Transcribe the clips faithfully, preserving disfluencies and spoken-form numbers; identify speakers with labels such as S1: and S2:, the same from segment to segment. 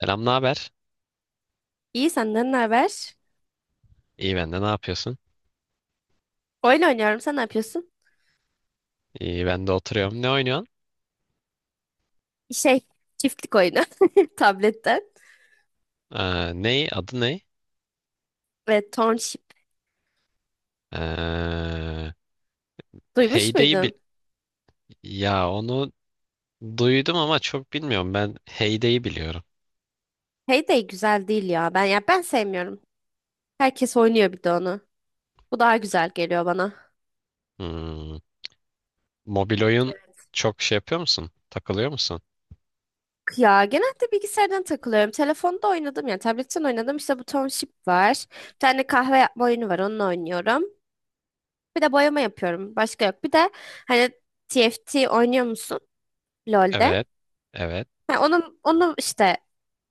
S1: Selam, ne haber?
S2: İyi, senden ne haber?
S1: İyi, ben de. Ne yapıyorsun?
S2: Oyun oynuyorum. Sen ne yapıyorsun?
S1: İyi, ben de oturuyorum. Ne oynuyorsun?
S2: Şey, çiftlik oyunu tabletten
S1: Ee, ne? Adı ne?
S2: ve Township.
S1: Ee,
S2: Duymuş
S1: Heyday'ı bil...
S2: muydun?
S1: Ya onu duydum ama çok bilmiyorum. Ben Heyday'ı biliyorum.
S2: Heyday güzel değil ya. Ben ya ben sevmiyorum. Herkes oynuyor bir de onu. Bu daha güzel geliyor bana.
S1: Hmm. Mobil oyun çok şey yapıyor musun? Takılıyor musun?
S2: Ya genelde bilgisayardan takılıyorum. Telefonda oynadım ya. Tabletten oynadım. İşte bu Township var. Bir tane kahve yapma oyunu var. Onunla oynuyorum. Bir de boyama yapıyorum. Başka yok. Bir de hani T F T oynuyor musun? LoL'de.
S1: Evet. Evet.
S2: Ha, onun, onu işte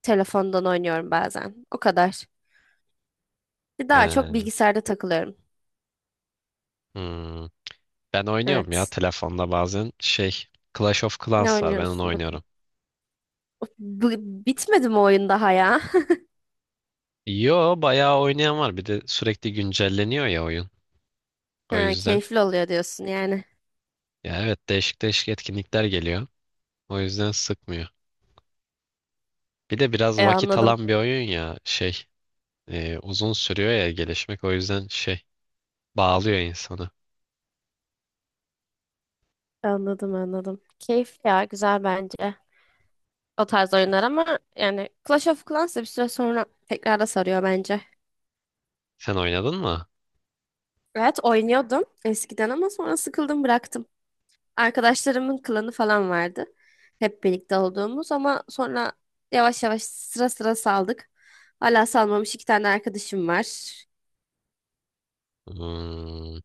S2: telefondan oynuyorum bazen. O kadar. Daha çok
S1: Ee,
S2: bilgisayarda takılıyorum.
S1: hmm. Ben oynuyorum ya
S2: Evet.
S1: telefonda bazen şey Clash of
S2: Ne
S1: Clans var ben onu
S2: oynuyorsun? Bak.
S1: oynuyorum.
S2: O- Bu- bitmedi mi oyun daha ya?
S1: Yo bayağı oynayan var bir de sürekli güncelleniyor ya oyun. O
S2: Ha,
S1: yüzden.
S2: keyifli oluyor diyorsun yani.
S1: Ya evet değişik değişik etkinlikler geliyor. O yüzden sıkmıyor. Bir de biraz
S2: E,
S1: vakit
S2: anladım.
S1: alan bir oyun ya şey e, uzun sürüyor ya gelişmek o yüzden şey bağlıyor insanı.
S2: Anladım anladım. Keyif ya, güzel bence. O tarz oyunlar ama yani Clash of Clans da bir süre sonra tekrar da sarıyor bence.
S1: Sen oynadın mı?
S2: Evet, oynuyordum eskiden ama sonra sıkıldım, bıraktım. Arkadaşlarımın klanı falan vardı. Hep birlikte olduğumuz ama sonra yavaş yavaş sıra sıra saldık. Hala salmamış iki tane arkadaşım var.
S1: Hmm,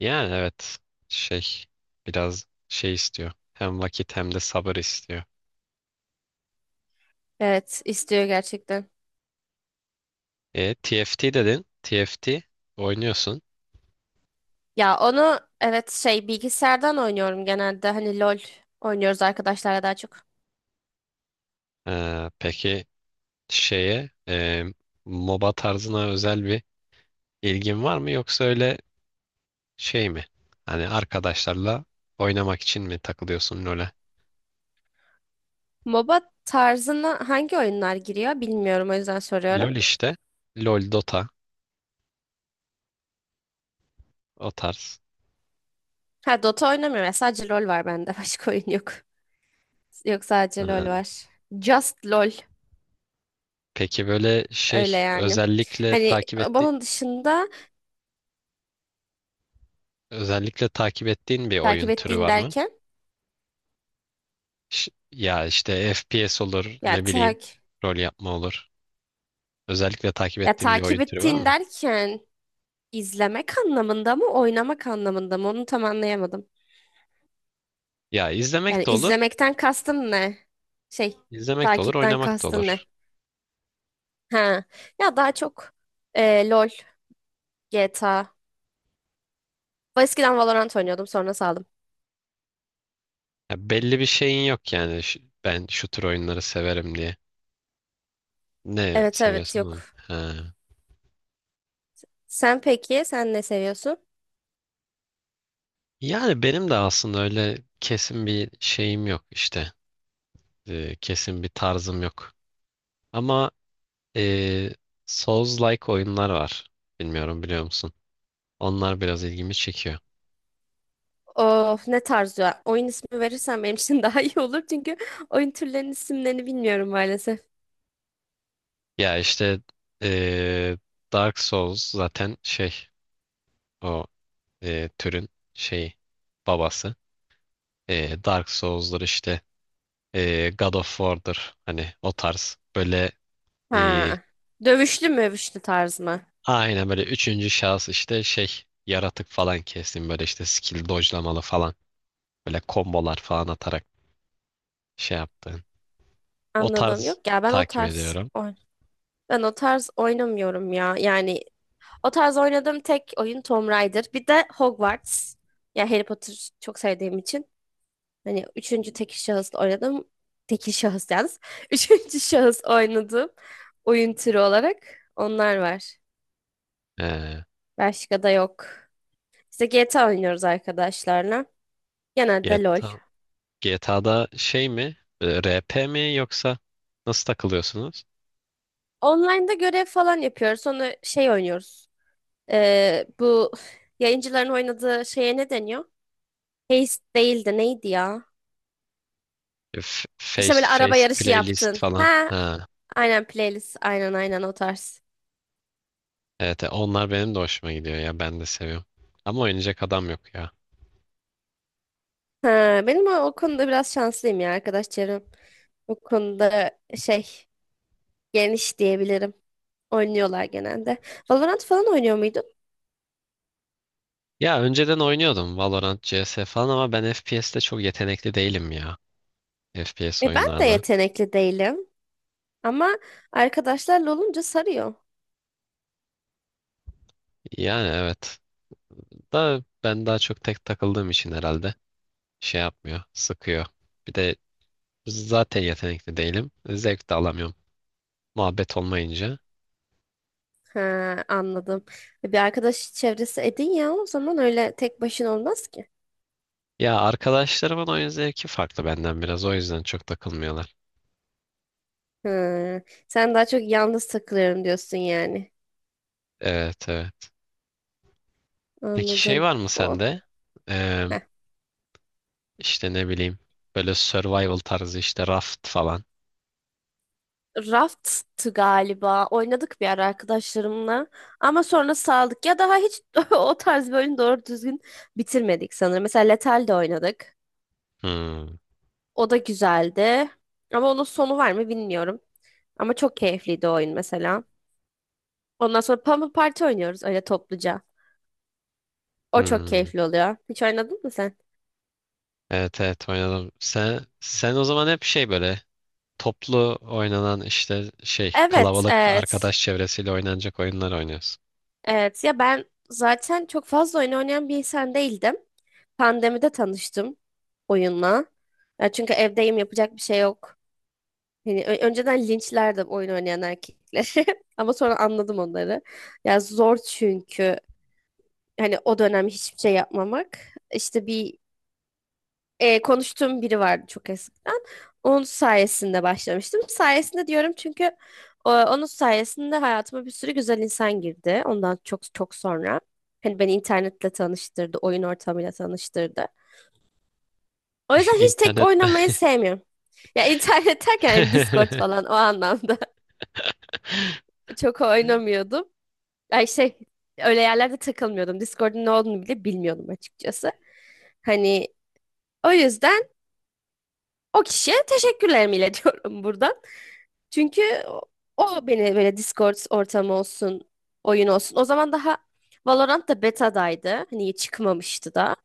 S1: yani evet şey biraz şey istiyor. Hem vakit hem de sabır istiyor.
S2: Evet, istiyor gerçekten.
S1: E, T F T dedin. T F T oynuyorsun.
S2: Ya onu evet şey bilgisayardan oynuyorum genelde. Hani LOL oynuyoruz arkadaşlarla daha çok.
S1: Ee, peki şeye e, MOBA tarzına özel bir ilgin var mı yoksa öyle şey mi? Hani arkadaşlarla oynamak için mi takılıyorsun LoL'e?
S2: MOBA tarzına hangi oyunlar giriyor bilmiyorum, o yüzden soruyorum.
S1: LoL işte. LoL, Dota o tarz.
S2: Ha, Dota oynamıyorum. Sadece LOL var bende. Başka oyun yok. Yok, sadece LOL
S1: Ee,
S2: var. Just LOL,
S1: peki böyle şey
S2: öyle yani.
S1: özellikle
S2: Hani
S1: takip ettiğin
S2: bunun dışında.
S1: özellikle takip ettiğin bir
S2: Takip
S1: oyun türü
S2: ettiğin
S1: var mı?
S2: derken?
S1: Ş- ya işte F P S olur,
S2: Ya
S1: ne bileyim,
S2: tak
S1: rol yapma olur. Özellikle takip
S2: Ya
S1: ettiğin bir oyun
S2: takip
S1: türü var
S2: ettiğin
S1: mı?
S2: derken izlemek anlamında mı, oynamak anlamında mı? Onu tam anlayamadım.
S1: Ya
S2: Yani
S1: izlemek de olur,
S2: izlemekten kastın ne? Şey,
S1: izlemek de olur,
S2: takipten
S1: oynamak da
S2: kastın
S1: olur.
S2: ne? Ha. Ya daha çok e, LOL, G T A. Ben eskiden Valorant oynuyordum, sonra saldım.
S1: Ya belli bir şeyin yok yani. Ş- Ben şu tür oyunları severim diye. Ne
S2: Evet evet
S1: seviyorsan
S2: Yok.
S1: oyun. Ha.
S2: Sen peki, sen ne seviyorsun?
S1: Yani benim de aslında öyle kesin bir şeyim yok işte. Ee, kesin bir tarzım yok. Ama eee Souls-like oyunlar var. Bilmiyorum biliyor musun? Onlar biraz ilgimi çekiyor.
S2: Of, ne tarz ya? Oyun ismi verirsen benim için daha iyi olur, çünkü oyun türlerinin isimlerini bilmiyorum maalesef.
S1: Ya işte eee, Dark Souls zaten şey o eee, türün şeyi babası. Eee, Dark Souls'lar işte eee, God of War'dır hani o tarz böyle e,
S2: Ha. Dövüşlü mövüşlü tarz mı?
S1: Aynen böyle üçüncü şahıs işte şey yaratık falan kestim böyle işte skill dodge'lamalı falan böyle kombolar falan atarak şey yaptığın. O
S2: Anladım.
S1: tarz
S2: Yok ya ben o
S1: takip
S2: tarz
S1: ediyorum.
S2: oy- Ben o tarz oynamıyorum ya. Yani o tarz oynadığım tek oyun Tomb Raider. Bir de Hogwarts. Ya, Harry Potter çok sevdiğim için. Hani üçüncü tekil şahıs oynadım. Tekil şahıs yalnız. Üçüncü şahıs oynadım. Oyun türü olarak onlar var.
S1: Ee,
S2: Başka da yok. İşte G T A oynuyoruz arkadaşlarla. Genelde LOL.
S1: G T A, G T A'da şey mi? Ee, R P mi yoksa nasıl takılıyorsunuz?
S2: Online'da görev falan yapıyoruz. Sonra şey oynuyoruz. Ee, bu yayıncıların oynadığı şeye ne deniyor? Heist değildi, neydi ya?
S1: Ee, f-
S2: İşte
S1: Face to
S2: böyle araba
S1: face
S2: yarışı
S1: playlist
S2: yaptın.
S1: falan.
S2: Ha,
S1: Ha.
S2: aynen, playlist. Aynen aynen o tarz.
S1: Evet, e, onlar benim de hoşuma gidiyor ya ben de seviyorum. Ama oynayacak adam yok ya.
S2: Ha, benim o, o konuda biraz şanslıyım ya, arkadaş çevrem. O konuda şey, geniş diyebilirim. Oynuyorlar genelde. Valorant falan oynuyor muydun?
S1: Ya önceden oynuyordum Valorant, C S falan ama ben F P S'te çok yetenekli değilim ya. F P S
S2: E, ben de
S1: oyunlarda.
S2: yetenekli değilim. Ama arkadaşlarla olunca sarıyor.
S1: Yani evet. Da ben daha çok tek takıldığım için herhalde şey yapmıyor, sıkıyor. Bir de zaten yetenekli değilim. Zevk de alamıyorum. Muhabbet olmayınca.
S2: Ha, anladım. E, Bir arkadaş çevresi edin ya o zaman, öyle tek başına olmaz ki.
S1: Ya arkadaşlarımın oyun zevki farklı benden biraz. O yüzden çok takılmıyorlar.
S2: Hı. Sen daha çok yalnız takılıyorum diyorsun yani.
S1: Evet evet. Peki şey
S2: Anladım.
S1: var mı
S2: O.
S1: sende? Ee,
S2: Heh.
S1: işte ne bileyim. Böyle survival tarzı işte raft falan.
S2: Raft'tı galiba. Oynadık bir ara arkadaşlarımla. Ama sonra saldık. Ya daha hiç o tarz bir oyunu doğru düzgün bitirmedik sanırım. Mesela Lethal de oynadık.
S1: Hmm.
S2: O da güzeldi. Ama onun sonu var mı bilmiyorum. Ama çok keyifliydi o oyun mesela. Ondan sonra Pummel Party oynuyoruz öyle topluca. O çok
S1: Hmm.
S2: keyifli oluyor. Hiç oynadın mı sen?
S1: Evet evet oynadım. Sen, sen o zaman hep şey böyle toplu oynanan işte şey
S2: Evet,
S1: kalabalık
S2: evet.
S1: arkadaş çevresiyle oynanacak oyunlar oynuyoruz.
S2: Evet ya, ben zaten çok fazla oyun oynayan bir insan değildim. Pandemide tanıştım oyunla. Ya çünkü evdeyim, yapacak bir şey yok. Hani ö- önceden linçlerdim oyun oynayan erkekleri ama sonra anladım onları. Ya zor, çünkü hani o dönem hiçbir şey yapmamak. İşte bir e, konuştuğum biri vardı çok eskiden. Onun sayesinde başlamıştım. Sayesinde diyorum, çünkü e, onun sayesinde hayatıma bir sürü güzel insan girdi. Ondan çok çok sonra. Hani beni internetle tanıştırdı, oyun ortamıyla tanıştırdı. O yüzden hiç tek
S1: İnternette.
S2: oynamayı sevmiyorum. Ya internet derken hani Discord falan o anlamda çok oynamıyordum. Ay şey, öyle yerlerde takılmıyordum. Discord'un ne olduğunu bile bilmiyordum açıkçası. Hani o yüzden o kişiye teşekkürlerimi iletiyorum buradan. Çünkü o o beni böyle, Discord ortamı olsun, oyun olsun. O zaman daha Valorant da beta'daydı. Hani çıkmamıştı da.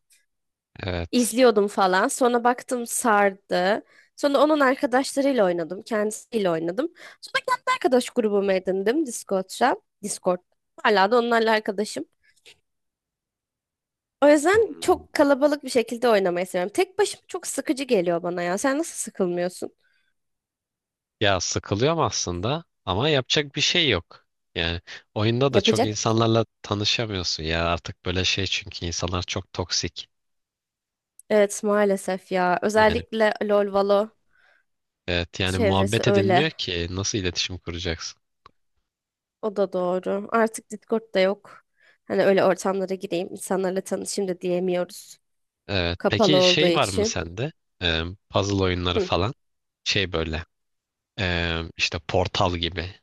S1: Evet.
S2: İzliyordum falan. Sonra baktım sardı. Sonra onun arkadaşlarıyla oynadım. Kendisiyle oynadım. Sonra kendi arkadaş grubumu edindim Discord'da. Discord. Hala da onlarla arkadaşım. O yüzden
S1: Hmm.
S2: çok kalabalık bir şekilde oynamayı seviyorum. Tek başıma çok sıkıcı geliyor bana ya. Sen nasıl sıkılmıyorsun?
S1: Ya sıkılıyorum aslında ama yapacak bir şey yok. Yani oyunda da çok
S2: Yapacak.
S1: insanlarla tanışamıyorsun ya artık böyle şey çünkü insanlar çok toksik.
S2: Evet, maalesef ya.
S1: Yani
S2: Özellikle LoL, Valo.
S1: evet yani
S2: Çevresi
S1: muhabbet
S2: öyle.
S1: edilmiyor ki nasıl iletişim kuracaksın?
S2: O da doğru. Artık Discord da yok. Hani öyle ortamlara gireyim, insanlarla tanışayım da diyemiyoruz.
S1: Evet.
S2: Kapalı
S1: Peki
S2: olduğu
S1: şey var mı
S2: için.
S1: sende? Ee, puzzle oyunları
S2: Hı.
S1: falan. Şey böyle. Ee, işte Portal gibi.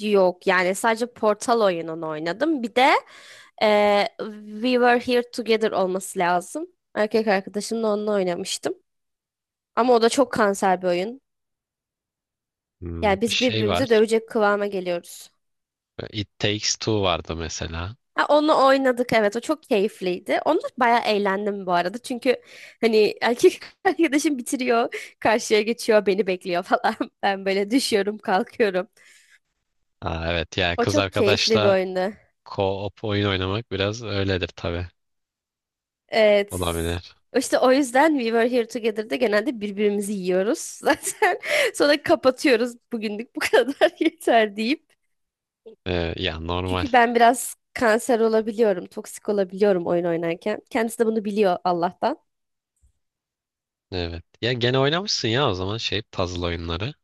S2: Yok yani, sadece Portal oyununu oynadım. Bir de e, We Were Here Together olması lazım. Erkek arkadaşımla onunla oynamıştım. Ama o da çok kanser bir oyun.
S1: Hmm,
S2: Yani biz
S1: şey
S2: birbirimizi
S1: var.
S2: dövecek kıvama geliyoruz.
S1: It Takes Two vardı mesela.
S2: Ha, onu oynadık, evet, o çok keyifliydi. Onu bayağı eğlendim bu arada. Çünkü hani erkek arkadaşım bitiriyor, karşıya geçiyor, beni bekliyor falan. Ben böyle düşüyorum, kalkıyorum.
S1: Ha, evet yani
S2: O
S1: kız
S2: çok keyifli bir
S1: arkadaşla
S2: oyundu.
S1: co-op oyun oynamak biraz öyledir tabii.
S2: Evet.
S1: Olabilir.
S2: İşte o yüzden We Were Here Together'da genelde birbirimizi yiyoruz zaten. Sonra kapatıyoruz. Bugünlük bu kadar yeter deyip.
S1: Ee, ya normal.
S2: Çünkü ben biraz kanser olabiliyorum, toksik olabiliyorum oyun oynarken. Kendisi de bunu biliyor Allah'tan.
S1: Evet. Ya gene oynamışsın ya o zaman şey puzzle oyunları.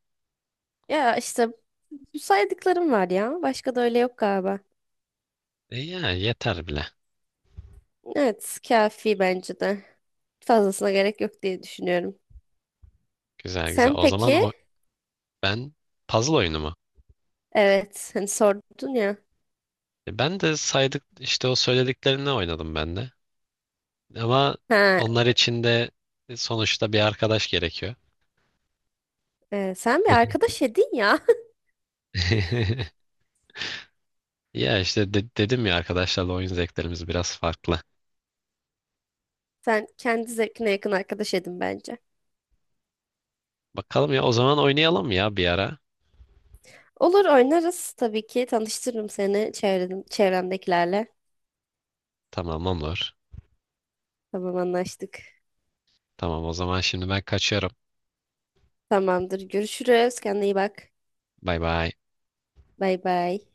S2: Ya işte bu saydıklarım var ya. Başka da öyle yok galiba.
S1: E ya yeter bile.
S2: Evet, kafi bence de. Fazlasına gerek yok diye düşünüyorum.
S1: Güzel güzel.
S2: Sen
S1: O zaman
S2: peki?
S1: o, ben puzzle oyunu mu?
S2: Evet, hani sordun ya.
S1: E, ben de saydık işte o söylediklerini oynadım ben de. Ama
S2: Ha,
S1: onlar için de sonuçta bir arkadaş gerekiyor.
S2: e, sen bir arkadaş edin ya.
S1: Ya işte de- dedim ya arkadaşlarla oyun zevklerimiz biraz farklı.
S2: Sen kendi zevkine yakın arkadaş edin bence.
S1: Bakalım ya o zaman oynayalım ya bir ara.
S2: Olur, oynarız tabii ki. Tanıştırırım seni çevredim, çevremdekilerle.
S1: Tamam olur.
S2: Tamam, anlaştık.
S1: Tamam o zaman şimdi ben kaçıyorum.
S2: Tamamdır. Görüşürüz. Kendine iyi bak.
S1: Bay bay.
S2: Bay bay.